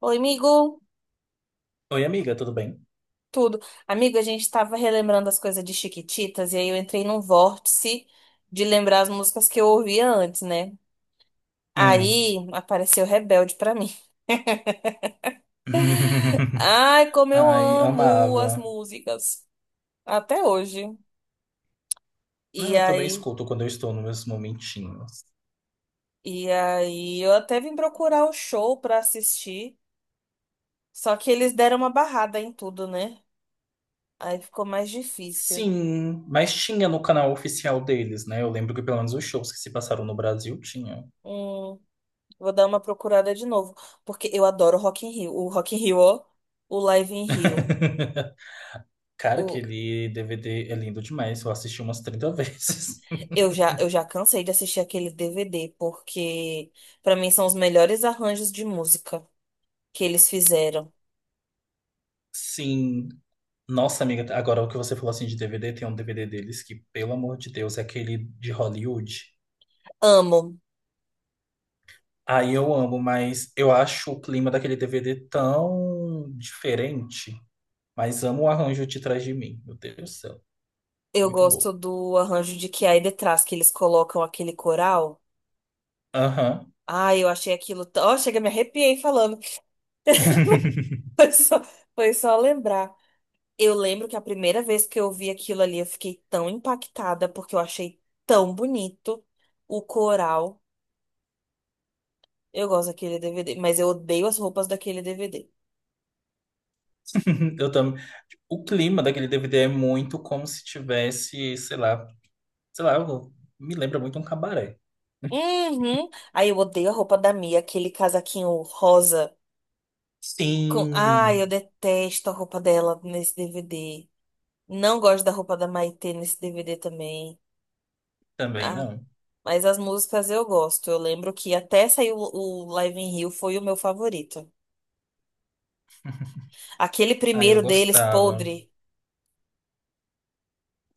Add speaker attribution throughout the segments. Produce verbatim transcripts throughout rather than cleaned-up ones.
Speaker 1: Oi, amigo.
Speaker 2: Oi, amiga, tudo bem?
Speaker 1: Tudo. Amigo, a gente tava relembrando as coisas de Chiquititas e aí eu entrei num vórtice de lembrar as músicas que eu ouvia antes, né?
Speaker 2: Hum.
Speaker 1: Aí apareceu Rebelde pra mim. Ai, como eu
Speaker 2: Ai,
Speaker 1: amo as
Speaker 2: amava.
Speaker 1: músicas até hoje.
Speaker 2: Não,
Speaker 1: E
Speaker 2: eu também
Speaker 1: aí,
Speaker 2: escuto quando eu estou nos meus momentinhos.
Speaker 1: e aí eu até vim procurar o show pra assistir, só que eles deram uma barrada em tudo, né? Aí ficou mais difícil.
Speaker 2: Sim, mas tinha no canal oficial deles, né? Eu lembro que pelo menos os shows que se passaram no Brasil tinha.
Speaker 1: Hum, Vou dar uma procurada de novo, porque eu adoro o Rock in Rio. O Rock in Rio, ó, o Live in Rio.
Speaker 2: Cara,
Speaker 1: O,
Speaker 2: aquele D V D é lindo demais. Eu assisti umas trinta vezes.
Speaker 1: eu já, eu já cansei de assistir aquele D V D, porque pra mim são os melhores arranjos de música que eles fizeram.
Speaker 2: Sim. Nossa, amiga, agora o que você falou assim de D V D, tem um D V D deles que, pelo amor de Deus, é aquele de Hollywood.
Speaker 1: Amo.
Speaker 2: Aí eu amo, mas eu acho o clima daquele D V D tão diferente. Mas amo o arranjo de trás de mim. Meu Deus do céu.
Speaker 1: Eu
Speaker 2: Muito bom.
Speaker 1: gosto do arranjo de Que Há Detrás, que eles colocam aquele coral.
Speaker 2: Aham.
Speaker 1: Ai, eu achei aquilo tão- ó, chega, me arrepiei falando. Foi só, foi só lembrar. Eu lembro que a primeira vez que eu vi aquilo ali, eu fiquei tão impactada, porque eu achei tão bonito o coral. Eu gosto daquele D V D, mas eu odeio as roupas daquele D V D.
Speaker 2: Eu também. O clima daquele D V D é muito como se tivesse, sei lá, sei lá, eu- me lembra muito um cabaré.
Speaker 1: Uhum. Aí eu odeio a roupa da Mia, aquele casaquinho rosa. Com... Ai, eu
Speaker 2: Sim,
Speaker 1: detesto a roupa dela nesse D V D. Não gosto da roupa da Maitê nesse D V D também.
Speaker 2: também
Speaker 1: Ah,
Speaker 2: não.
Speaker 1: mas as músicas eu gosto. Eu lembro que até saiu o o Live in Rio foi o meu favorito. Aquele
Speaker 2: Aí eu
Speaker 1: primeiro deles,
Speaker 2: gostava.
Speaker 1: podre.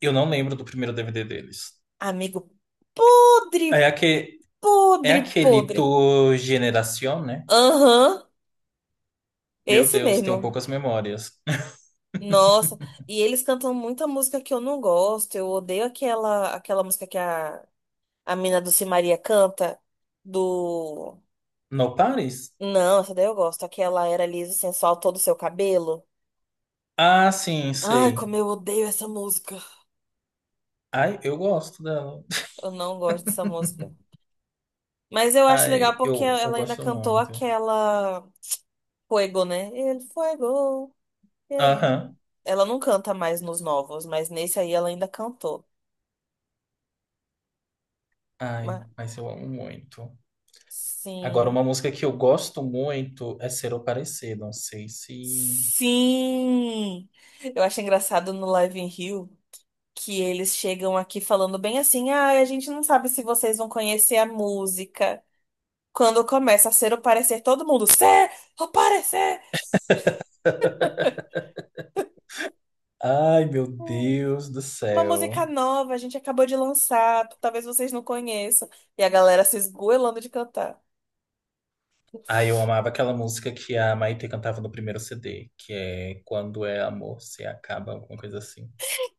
Speaker 2: Eu não lembro do primeiro D V D deles.
Speaker 1: Amigo, podre,
Speaker 2: É aquele, é
Speaker 1: podre,
Speaker 2: aquele
Speaker 1: podre.
Speaker 2: Tu Generación, né?
Speaker 1: Aham,
Speaker 2: Meu
Speaker 1: esse
Speaker 2: Deus, tenho
Speaker 1: mesmo.
Speaker 2: poucas memórias.
Speaker 1: Nossa, e eles cantam muita música que eu não gosto. Eu odeio aquela aquela música que a, a mina do Simaria canta. Do.
Speaker 2: No Paris?
Speaker 1: Não, essa daí eu gosto. Aquela era liso, e sensual, todo o seu cabelo.
Speaker 2: Ah, sim,
Speaker 1: Ai,
Speaker 2: sei.
Speaker 1: como eu odeio essa música.
Speaker 2: Ai, eu gosto dela.
Speaker 1: Eu não gosto dessa música. Mas eu acho legal
Speaker 2: Ai,
Speaker 1: porque
Speaker 2: eu, eu
Speaker 1: ela ainda
Speaker 2: gosto
Speaker 1: cantou
Speaker 2: muito.
Speaker 1: aquela Fuego, né? El Fuego. Era.
Speaker 2: Aham.
Speaker 1: Ela não canta mais nos novos, mas nesse aí ela ainda cantou.
Speaker 2: Ai,
Speaker 1: Mas,
Speaker 2: mas eu amo muito. Agora,
Speaker 1: sim.
Speaker 2: uma música que eu gosto muito é Ser ou Parecer. Não sei se.
Speaker 1: Sim! Eu acho engraçado no Live in Rio que eles chegam aqui falando bem assim: ah, a gente não sabe se vocês vão conhecer a música. Quando começa a ser o parecer, todo mundo, ser o parecer!
Speaker 2: Ai, meu
Speaker 1: Hum,
Speaker 2: Deus do
Speaker 1: Uma música
Speaker 2: céu.
Speaker 1: nova, a gente acabou de lançar, talvez vocês não conheçam. E a galera se esgoelando de cantar.
Speaker 2: Ai, eu amava aquela música que a Maitê cantava no primeiro C D, que é Quando é Amor Se Acaba, alguma coisa assim.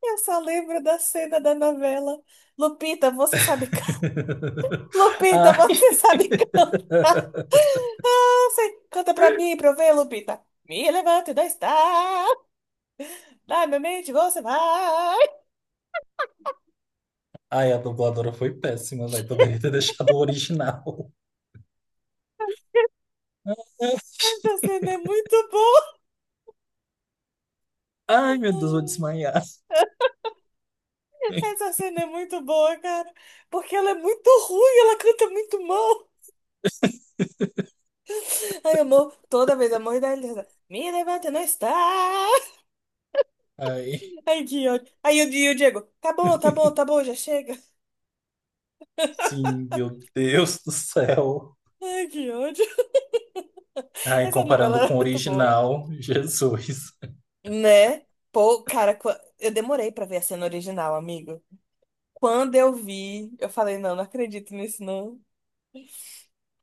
Speaker 1: Eu só lembro da cena da novela. Lupita, você sabe. can- Lupita, você
Speaker 2: Ai,
Speaker 1: sabe cantar. Você canta pra mim, pra eu ver, Lupita. Me levante da estrada. Na minha mente você vai.
Speaker 2: ai, a dubladora foi péssima, velho. Poderia ter deixado o original.
Speaker 1: Essa cena é muito boa.
Speaker 2: Ai, meu Deus, vou desmaiar.
Speaker 1: Essa cena é muito boa, cara. Porque ela é muito ruim, ela canta muito mal. Ai, amor, toda vez, amor da Elisa. Me levante não está.
Speaker 2: Ai,
Speaker 1: Ai, que ódio. Aí o Di- o Diego. Tá bom, tá bom, tá bom, já chega.
Speaker 2: sim, meu Deus do céu.
Speaker 1: Ai, que ódio.
Speaker 2: Ai,
Speaker 1: Essa novela
Speaker 2: comparando
Speaker 1: era
Speaker 2: com o
Speaker 1: muito boa.
Speaker 2: original, Jesus.
Speaker 1: Né? Pô, cara, qu- eu demorei pra ver a cena original, amigo. Quando eu vi, eu falei, não, não acredito nisso, não.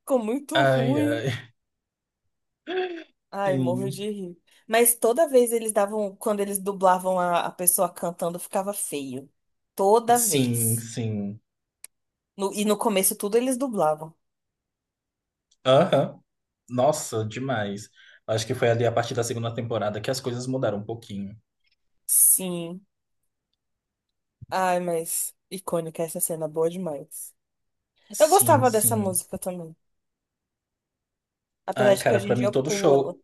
Speaker 1: Ficou muito
Speaker 2: Ai,
Speaker 1: ruim.
Speaker 2: ai,
Speaker 1: Ai, morro
Speaker 2: sim,
Speaker 1: de rir. Mas toda vez eles davam, quando eles dublavam a, a pessoa cantando, ficava feio. Toda
Speaker 2: sim,
Speaker 1: vez.
Speaker 2: sim.
Speaker 1: No- e no começo tudo eles dublavam.
Speaker 2: Aham. Nossa, demais. Acho que foi ali a partir da segunda temporada que as coisas mudaram um pouquinho.
Speaker 1: Sim. Ai, mas icônica essa cena, boa demais. Eu
Speaker 2: Sim,
Speaker 1: gostava dessa
Speaker 2: sim.
Speaker 1: música também. Apesar
Speaker 2: Ai,
Speaker 1: de que
Speaker 2: cara,
Speaker 1: hoje em
Speaker 2: pra
Speaker 1: dia
Speaker 2: mim
Speaker 1: eu
Speaker 2: todo
Speaker 1: pulo ela.
Speaker 2: show,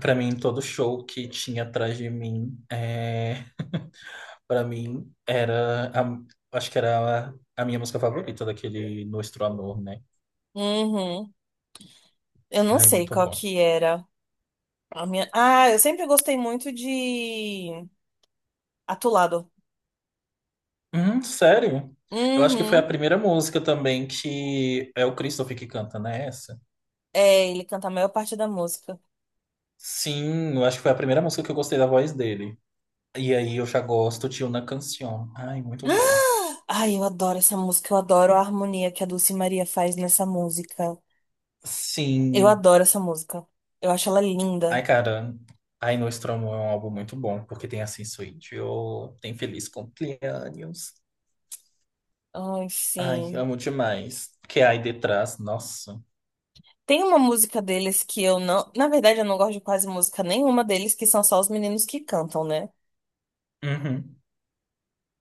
Speaker 2: pra mim todo show que tinha atrás de mim é, Pra mim, era a- acho que era a, a minha música favorita daquele Nuestro Amor, né?
Speaker 1: Uhum. Eu não
Speaker 2: Ai,
Speaker 1: sei
Speaker 2: muito
Speaker 1: qual
Speaker 2: bom.
Speaker 1: que era. A minha... Ah, eu sempre gostei muito de Atulado.
Speaker 2: Hum, sério? Eu acho que foi a
Speaker 1: Uhum.
Speaker 2: primeira música também que é o Christopher que canta, né? Essa?
Speaker 1: É, ele canta a maior parte da música.
Speaker 2: Sim, eu acho que foi a primeira música que eu gostei da voz dele. E aí eu já gosto de Una Canción. Ai, muito boa.
Speaker 1: Ah. Ai, eu adoro essa música. Eu adoro a harmonia que a Dulce Maria faz nessa música. Eu
Speaker 2: Sim.
Speaker 1: adoro essa música. Eu acho ela
Speaker 2: Ai,
Speaker 1: linda.
Speaker 2: cara. Ai, Nuestro Amor é um álbum muito bom, porque tem Assim Sou Yo, tem Feliz Cumpleaños.
Speaker 1: Ai,
Speaker 2: Ai,
Speaker 1: sim.
Speaker 2: amo demais. Que aí detrás, nossa.
Speaker 1: Tem uma música deles que eu não. Na verdade, eu não gosto de quase música nenhuma deles, que são só os meninos que cantam, né?
Speaker 2: Uhum.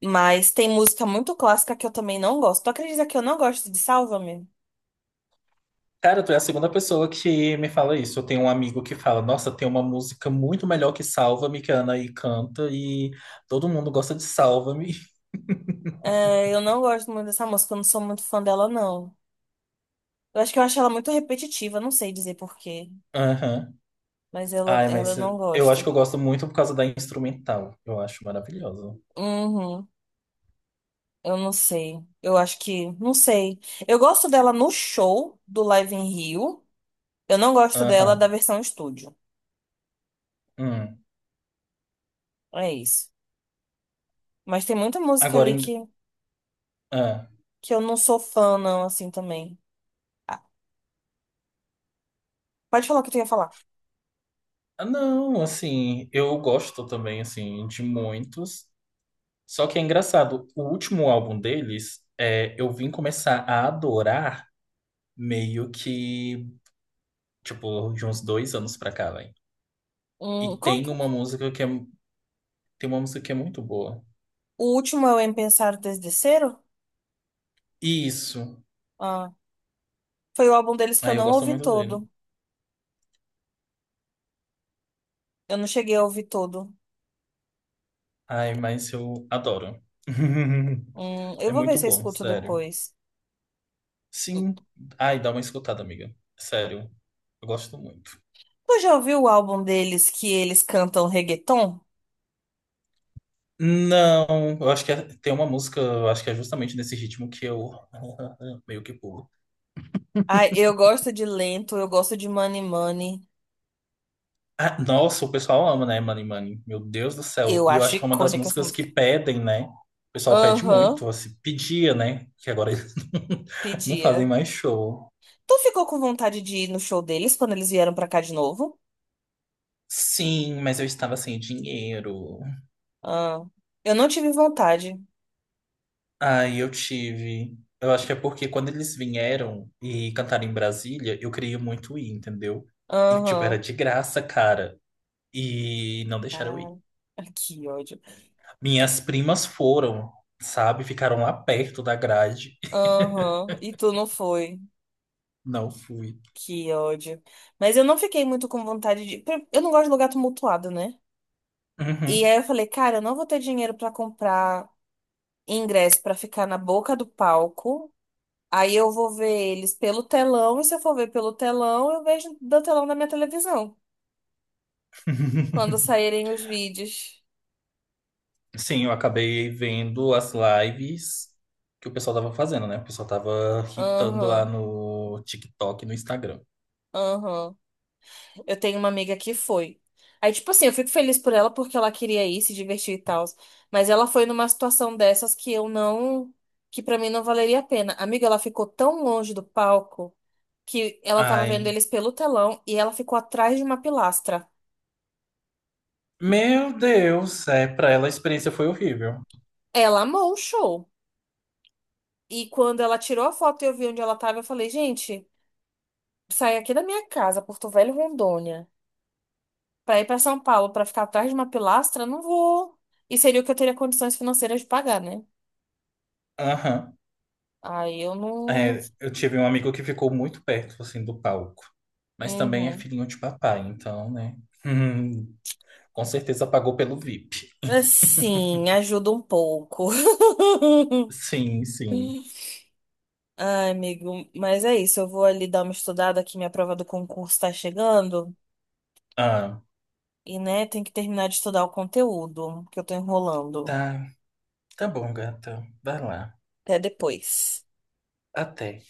Speaker 1: Mas tem música muito clássica que eu também não gosto. Tu acredita que eu não gosto de Sálvame?
Speaker 2: Cara, tu é a segunda pessoa que me fala isso. Eu tenho um amigo que fala: Nossa, tem uma música muito melhor que Salva-me, que a Anaí canta, e todo mundo gosta de Salva-me.
Speaker 1: É, eu não gosto muito dessa música, eu não sou muito fã dela, não. Eu acho que eu acho ela muito repetitiva, não sei dizer por quê,
Speaker 2: Aham.
Speaker 1: mas ela,
Speaker 2: Ai,
Speaker 1: ela eu
Speaker 2: mas
Speaker 1: não
Speaker 2: eu acho
Speaker 1: gosto.
Speaker 2: que eu gosto muito por causa da instrumental. Eu acho maravilhosa.
Speaker 1: Uhum, eu não sei. Eu acho que, não sei. Eu gosto dela no show do Live in Rio, eu não gosto dela da
Speaker 2: Aham.
Speaker 1: versão estúdio.
Speaker 2: Hum.
Speaker 1: É isso. Mas tem muita música
Speaker 2: Agora,
Speaker 1: ali
Speaker 2: em...
Speaker 1: que,
Speaker 2: ah.
Speaker 1: que eu não sou fã, não, assim também. Ah, pode falar o que tu ia falar.
Speaker 2: Ah, Não, assim, eu gosto também, assim, de muitos. Só que é engraçado, o último álbum deles, é, eu vim começar a adorar meio que. Tipo, de uns dois anos pra cá, velho. E
Speaker 1: Hum, qual
Speaker 2: tem
Speaker 1: que...
Speaker 2: uma
Speaker 1: é?
Speaker 2: música que é, tem uma música que é muito boa.
Speaker 1: O último é o Em Pensar Desde Cero?
Speaker 2: E Isso.
Speaker 1: Ah, foi o álbum deles que eu
Speaker 2: aí eu
Speaker 1: não
Speaker 2: gosto
Speaker 1: ouvi
Speaker 2: muito dele.
Speaker 1: todo. Eu não cheguei a ouvir todo.
Speaker 2: Ai, mas eu adoro.
Speaker 1: Hum, eu
Speaker 2: É
Speaker 1: vou ver
Speaker 2: muito
Speaker 1: se eu
Speaker 2: bom,
Speaker 1: escuto
Speaker 2: sério.
Speaker 1: depois.
Speaker 2: Sim. Ai, dá uma escutada, amiga. Sério. Eu gosto muito.
Speaker 1: Tu já ouviu o álbum deles que eles cantam reggaeton?
Speaker 2: Não, eu acho que é- tem uma música, eu acho que é justamente nesse ritmo que eu meio que pulo.
Speaker 1: Ai, eu gosto de Lento, eu gosto de Money Money.
Speaker 2: Ah, nossa, o pessoal ama, né, Money Money? Meu Deus do céu.
Speaker 1: Eu
Speaker 2: E eu
Speaker 1: acho
Speaker 2: acho que é uma das
Speaker 1: icônica essa
Speaker 2: músicas que
Speaker 1: música.
Speaker 2: pedem, né? O pessoal pede
Speaker 1: Aham,
Speaker 2: muito, assim, pedia, né? Que agora eles não não fazem
Speaker 1: pedia.
Speaker 2: mais show.
Speaker 1: Tu ficou com vontade de ir no show deles quando eles vieram pra cá de novo?
Speaker 2: Sim, mas eu estava sem dinheiro.
Speaker 1: Ah, eu não tive vontade.
Speaker 2: Aí eu tive. Eu acho que é porque quando eles vieram e cantaram em Brasília, eu queria muito ir, entendeu? E, tipo, era
Speaker 1: Aham.
Speaker 2: de graça, cara. E não deixaram eu ir.
Speaker 1: Cara, que ódio.
Speaker 2: Minhas primas foram, sabe? Ficaram lá perto da grade.
Speaker 1: Aham, e tu não foi.
Speaker 2: Não fui.
Speaker 1: Que ódio. Mas eu não fiquei muito com vontade de. Eu não gosto de lugar tumultuado, né? E
Speaker 2: Uhum.
Speaker 1: aí eu falei, cara, eu não vou ter dinheiro pra comprar ingresso pra ficar na boca do palco. Aí eu vou ver eles pelo telão, e se eu for ver pelo telão, eu vejo do telão da minha televisão, quando saírem os vídeos.
Speaker 2: Sim, eu acabei vendo as lives que o pessoal tava fazendo, né? O pessoal tava hitando lá
Speaker 1: Aham,
Speaker 2: no TikTok e no Instagram.
Speaker 1: aham. Eu tenho uma amiga que foi. Aí, tipo assim, eu fico feliz por ela porque ela queria ir, se divertir e tal. Mas ela foi numa situação dessas que eu não, que pra mim não valeria a pena. Amiga, ela ficou tão longe do palco, que ela tava vendo
Speaker 2: Ai,
Speaker 1: eles pelo telão e ela ficou atrás de uma pilastra.
Speaker 2: meu Deus, é, pra ela a experiência foi horrível.
Speaker 1: Ela amou o show. E quando ela tirou a foto e eu vi onde ela tava, eu falei, gente, sair aqui da minha casa, Porto Velho, Rondônia, pra ir pra São Paulo pra ficar atrás de uma pilastra, não vou. E seria o que eu teria condições financeiras de pagar, né?
Speaker 2: Aham.
Speaker 1: Aí eu não.
Speaker 2: É, eu tive um amigo que ficou muito perto, assim, do palco. Mas também é
Speaker 1: Uhum.
Speaker 2: filhinho de papai, então, né? Hum, com certeza pagou pelo V I P.
Speaker 1: Assim, ajuda um pouco.
Speaker 2: Sim, sim.
Speaker 1: Ai, amigo, mas é isso. Eu vou ali dar uma estudada que minha prova do concurso tá chegando.
Speaker 2: Ah,
Speaker 1: E, né, tem que terminar de estudar o conteúdo, que eu tô enrolando.
Speaker 2: tá. Tá bom, gata. Vai lá.
Speaker 1: Até depois.
Speaker 2: Até.